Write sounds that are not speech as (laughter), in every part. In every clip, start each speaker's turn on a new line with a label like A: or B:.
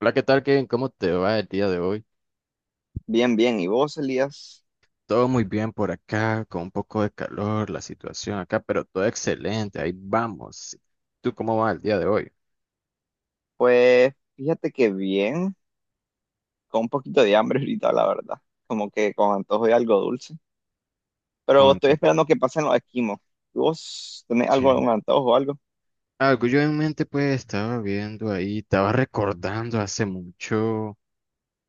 A: Hola, ¿qué tal, Kevin? ¿Cómo te va el día de hoy?
B: Bien, bien. ¿Y vos, Elías?
A: Todo muy bien por acá, con un poco de calor, la situación acá, pero todo excelente, ahí vamos. ¿Tú cómo va el día de hoy?
B: Pues fíjate que bien, con un poquito de hambre (laughs) ahorita, la verdad. Como que con antojo de algo dulce. Pero
A: ¿Cuánto?
B: estoy esperando que pasen los esquimos. ¿Vos tenés algo,
A: Sí.
B: un antojo o algo?
A: Algo yo en mente pues estaba viendo ahí, estaba recordando hace mucho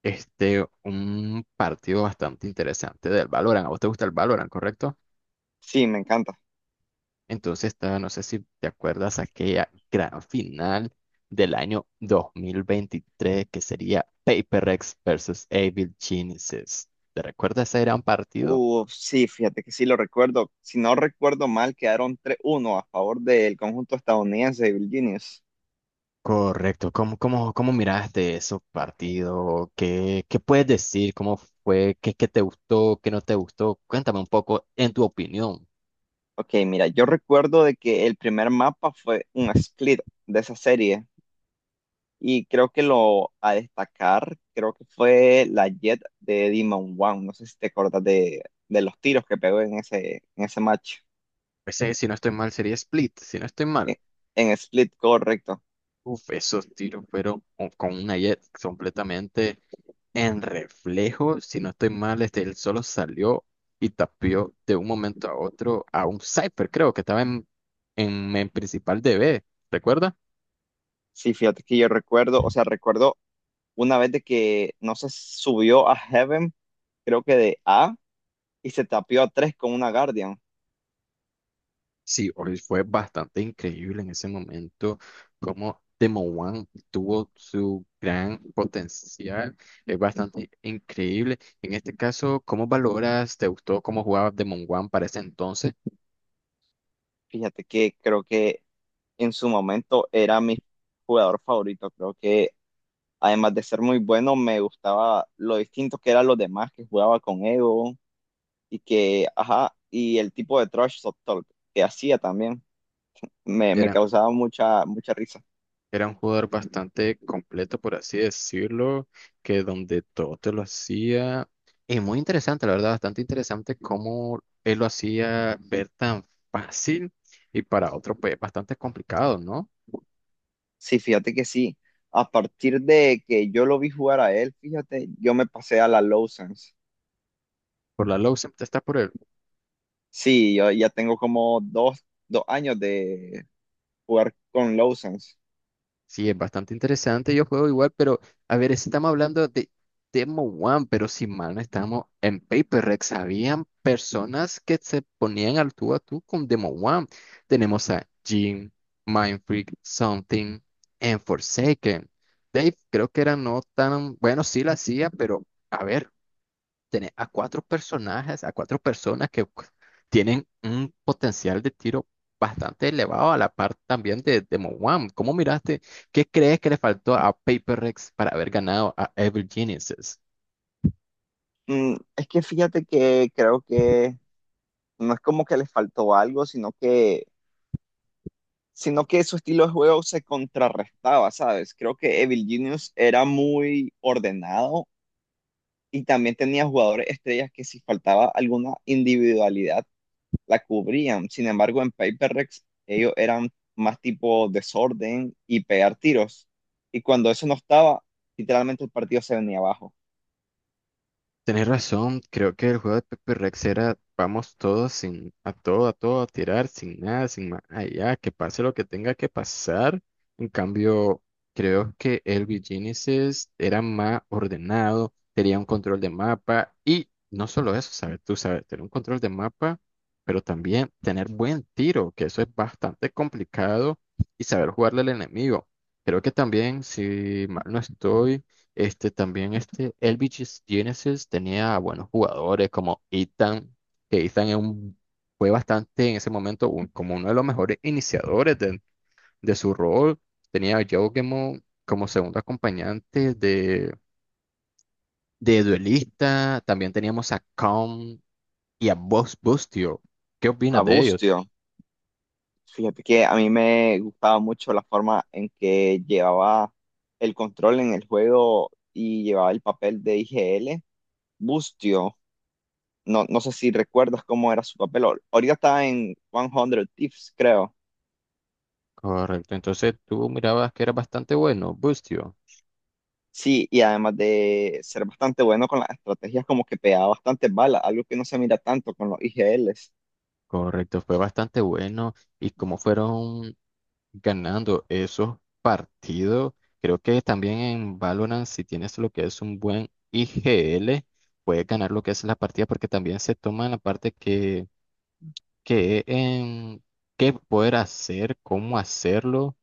A: un partido bastante interesante del Valorant. ¿A vos te gusta el Valorant, correcto?
B: Sí, me encanta.
A: Entonces, no sé si te acuerdas aquella gran final del año 2023 que sería Paper X versus Evil Geniuses. ¿Te recuerdas ese gran partido?
B: Sí, fíjate que sí lo recuerdo. Si no recuerdo mal, quedaron tres uno a favor del conjunto estadounidense de Virginius.
A: Correcto. ¿Cómo miraste ese partido? ¿Qué puedes decir? ¿Cómo fue? ¿Qué te gustó? ¿Qué no te gustó? Cuéntame un poco en tu opinión.
B: Ok, mira, yo recuerdo de que el primer mapa fue un split de esa serie. Y creo que lo a destacar, creo que fue la Jet de Demon One. No sé si te acordás de los tiros que pegó en ese match.
A: Pues, si no estoy mal, sería Split. Si no estoy mal.
B: En, en Split, correcto.
A: Uf, esos tiros fueron con una jet completamente. En reflejo, si no estoy mal, él solo salió y tapió de un momento a otro a un Cypher, creo que estaba en principal D B, ¿recuerda?
B: Sí, fíjate que yo recuerdo, o sea, recuerdo una vez de que no se subió a Heaven, creo que de A, y se tapió a 3 con una Guardian.
A: Sí, hoy fue bastante increíble en ese momento cómo Demo One tuvo su gran potencial, es bastante increíble. En este caso, ¿cómo valoras? ¿Te gustó cómo jugaba Demo One para ese entonces?
B: Fíjate que creo que en su momento era mi jugador favorito. Creo que además de ser muy bueno, me gustaba lo distinto que eran los demás, que jugaba con Ego, y que, ajá, y el tipo de trash talk que hacía también me
A: ¿Era?
B: causaba mucha risa.
A: Era un jugador bastante completo, por así decirlo, que donde todo te lo hacía. Y muy interesante, la verdad, bastante interesante cómo él lo hacía ver tan fácil y para otro, pues, bastante complicado, ¿no?
B: Sí, fíjate que sí. A partir de que yo lo vi jugar a él, fíjate, yo me pasé a la Lowsons.
A: Por la low siempre está por el.
B: Sí, yo ya tengo como dos años de jugar con Lowsons.
A: Sí, es bastante interesante. Yo juego igual, pero a ver, estamos hablando de Demo One, pero si mal no estamos en Paper Rex. Habían personas que se ponían al tú a tú con Demo One. Tenemos a Jim, Mindfreak, Something, and Forsaken. Dave, creo que era no tan bueno, sí la hacía, pero a ver, tenés a cuatro personajes, a cuatro personas que pues, tienen un potencial de tiro bastante elevado a la par también de Mo. ¿Cómo miraste? ¿Qué crees que le faltó a Paper Rex para haber ganado a Evil Geniuses?
B: Mm, es que fíjate que creo que no es como que les faltó algo, sino que su estilo de juego se contrarrestaba, ¿sabes? Creo que Evil Genius era muy ordenado y también tenía jugadores estrellas que si faltaba alguna individualidad la cubrían. Sin embargo, en Paper Rex ellos eran más tipo desorden y pegar tiros. Y cuando eso no estaba, literalmente el partido se venía abajo.
A: Tenés razón, creo que el juego de Pepe Rex era vamos todos sin a todo, a todo, a tirar, sin nada, sin más allá, que pase lo que tenga que pasar. En cambio, creo que el Genesis era más ordenado, tenía un control de mapa y no solo eso, sabes, tú sabes, tener un control de mapa, pero también tener buen tiro, que eso es bastante complicado y saber jugarle al enemigo. Creo que también, si mal no estoy. Este también, este Elvis Genesis tenía buenos jugadores como Ethan, que Ethan es fue bastante en ese momento como uno de los mejores iniciadores de su rol. Tenía a Joe Gemo como segundo acompañante de duelista. También teníamos a Kong y a Buzz Bustio. ¿Qué
B: A
A: opinas de ellos?
B: Bustio, fíjate que a mí me gustaba mucho la forma en que llevaba el control en el juego y llevaba el papel de IGL. Bustio, no sé si recuerdas cómo era su papel. Ahorita está en 100 Thieves, creo.
A: Correcto, entonces tú mirabas que era bastante bueno, Bustio.
B: Sí, y además de ser bastante bueno con las estrategias, como que pegaba bastantes balas, algo que no se mira tanto con los IGLs.
A: Correcto, fue bastante bueno y como fueron ganando esos partidos. Creo que también en Valorant, si tienes lo que es un buen IGL, puedes ganar lo que es la partida, porque también se toma la parte que en qué poder hacer, cómo hacerlo,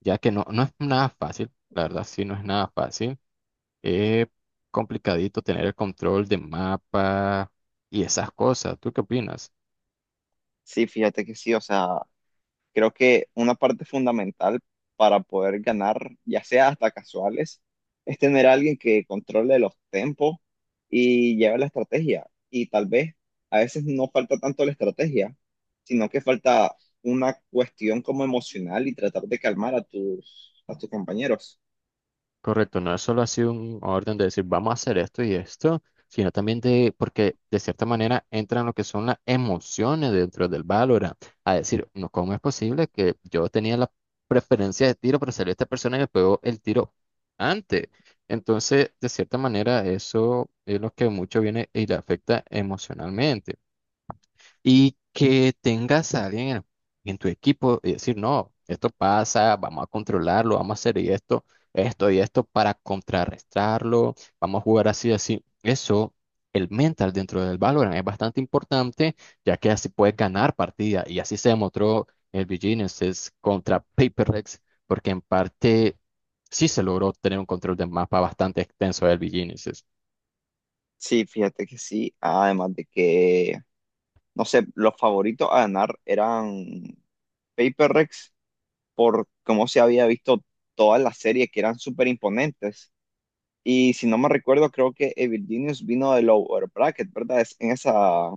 A: ya que no es nada fácil, la verdad, sí, no es nada fácil. Es complicadito tener el control de mapa y esas cosas. ¿Tú qué opinas?
B: Sí, fíjate que sí, o sea, creo que una parte fundamental para poder ganar, ya sea hasta casuales, es tener a alguien que controle los tempos y lleve la estrategia. Y tal vez a veces no falta tanto la estrategia, sino que falta una cuestión como emocional y tratar de calmar a tus compañeros.
A: Correcto, no es solo así un orden de decir vamos a hacer esto y esto, sino también de, porque de cierta manera entran lo que son las emociones dentro del Valorant, a decir, no, ¿cómo es posible que yo tenía la preferencia de tiro, pero salió esta persona y me pegó el tiro antes? Entonces, de cierta manera, eso es lo que mucho viene y le afecta emocionalmente y que tengas a alguien en tu equipo y decir, no, esto pasa, vamos a controlarlo, vamos a hacer y esto y esto para contrarrestarlo, vamos a jugar así, así. Eso, el mental dentro del Valorant es bastante importante, ya que así puedes ganar partidas y así se demostró el BGNeSys contra PaperX, porque en parte sí se logró tener un control de mapa bastante extenso del BGNeSys.
B: Sí, fíjate que sí. Además de que, no sé, los favoritos a ganar eran Paper Rex por cómo se había visto toda la serie, que eran súper imponentes. Y si no me recuerdo, creo que Evil Genius vino del Lower Bracket, ¿verdad? Es en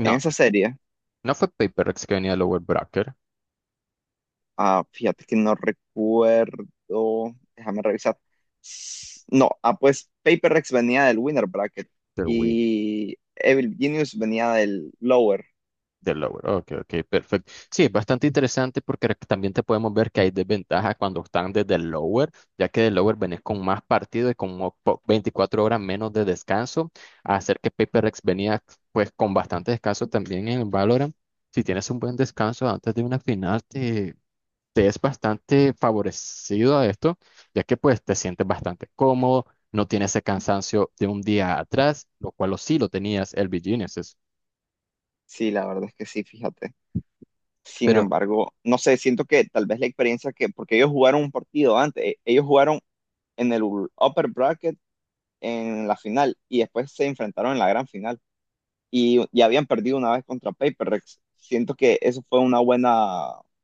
B: en esa serie.
A: no fue PaperX que venía de Lower Bracket,
B: Ah, fíjate que no recuerdo. Déjame revisar. No, ah, pues Paper Rex venía del Winner Bracket
A: pero bueno.
B: y Evil Genius venía del Lower.
A: Del lower. Ok, ok, perfecto. Sí, es bastante interesante porque también te podemos ver que hay desventajas cuando están desde el lower, ya que del lower venís con más partido y con 24 horas menos de descanso, a hacer que PaperX venía pues con bastante descanso también en el Valorant. Si tienes un buen descanso antes de una final, te es bastante favorecido a esto, ya que pues te sientes bastante cómodo, no tienes ese cansancio de un día atrás, lo cual lo sí lo tenías el Virginia.
B: Sí, la verdad es que sí, fíjate. Sin
A: Pero
B: embargo, no sé, siento que tal vez la experiencia que, porque ellos jugaron un partido antes, ellos jugaron en el upper bracket en la final y después se enfrentaron en la gran final y ya habían perdido una vez contra PaperX. Siento que eso fue una buena,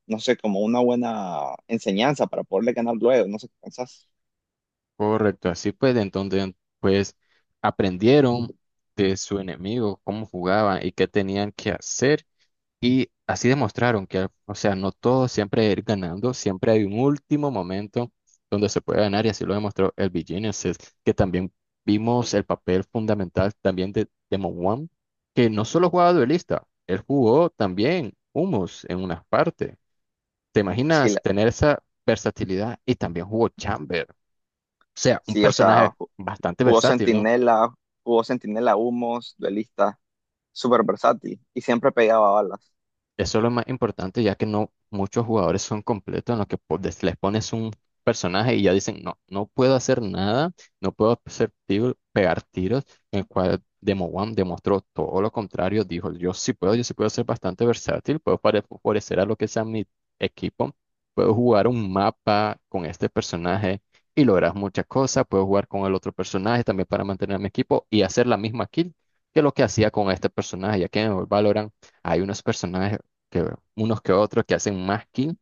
B: no sé, como una buena enseñanza para poderle ganar luego, no sé qué pensás.
A: correcto, así pues, entonces, pues aprendieron de su enemigo cómo jugaban y qué tenían que hacer y así demostraron que, o sea, no todo siempre es ir ganando, siempre hay un último momento donde se puede ganar y así lo demostró el Genesis, que también vimos el papel fundamental también de Demon One, que no solo jugaba duelista, él jugó también Humus en una parte. ¿Te
B: Sí,
A: imaginas
B: la-
A: tener esa versatilidad y también jugó Chamber? Sea, un
B: sí, o sea,
A: personaje bastante
B: jugó
A: versátil, ¿no?
B: Centinela, jugó Centinela Humos, duelista, súper versátil y siempre pegaba balas.
A: Eso es lo más importante, ya que no muchos jugadores son completos en los que les pones un personaje y ya dicen, no, no puedo hacer nada, no puedo hacer pegar tiros, en el cual Demo One demostró todo lo contrario, dijo, yo sí puedo ser bastante versátil, puedo favorecer a lo que sea mi equipo, puedo jugar un mapa con este personaje y lograr muchas cosas, puedo jugar con el otro personaje también para mantener a mi equipo y hacer la misma kill que lo que hacía con este personaje, ya que en el Valorant hay unos personajes que unos que otros que hacen más kill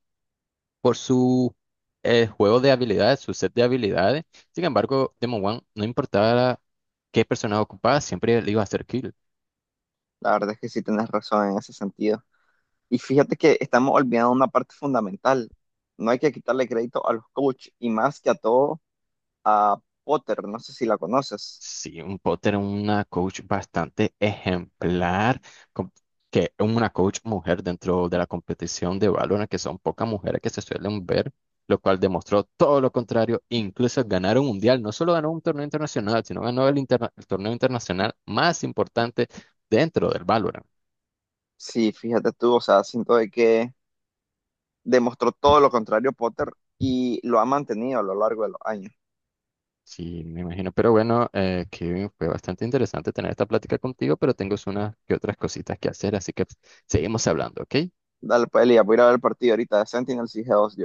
A: por su juego de habilidades, su set de habilidades. Sin embargo, Demon One no importaba qué personaje ocupaba, siempre le iba a hacer kill.
B: La verdad es que sí tenés razón en ese sentido. Y fíjate que estamos olvidando una parte fundamental. No hay que quitarle crédito a los coaches y más que a todo a Potter. No sé si la conoces.
A: Sí, un Potter, una coach bastante ejemplar, com- que una coach mujer dentro de la competición de Valorant, que son pocas mujeres que se suelen ver, lo cual demostró todo lo contrario, incluso ganar un mundial, no solo ganó un torneo internacional, sino ganó el torneo internacional más importante dentro del Valorant.
B: Sí, fíjate tú, o sea, siento de que demostró todo lo contrario Potter y lo ha mantenido a lo largo de los años.
A: Sí, me imagino. Pero bueno, Kevin, fue bastante interesante tener esta plática contigo, pero tengo unas que otras cositas que hacer, así que seguimos hablando, ¿ok?
B: Dale, pues, Elia, voy a ir a ver el partido ahorita de Sentinels y G2.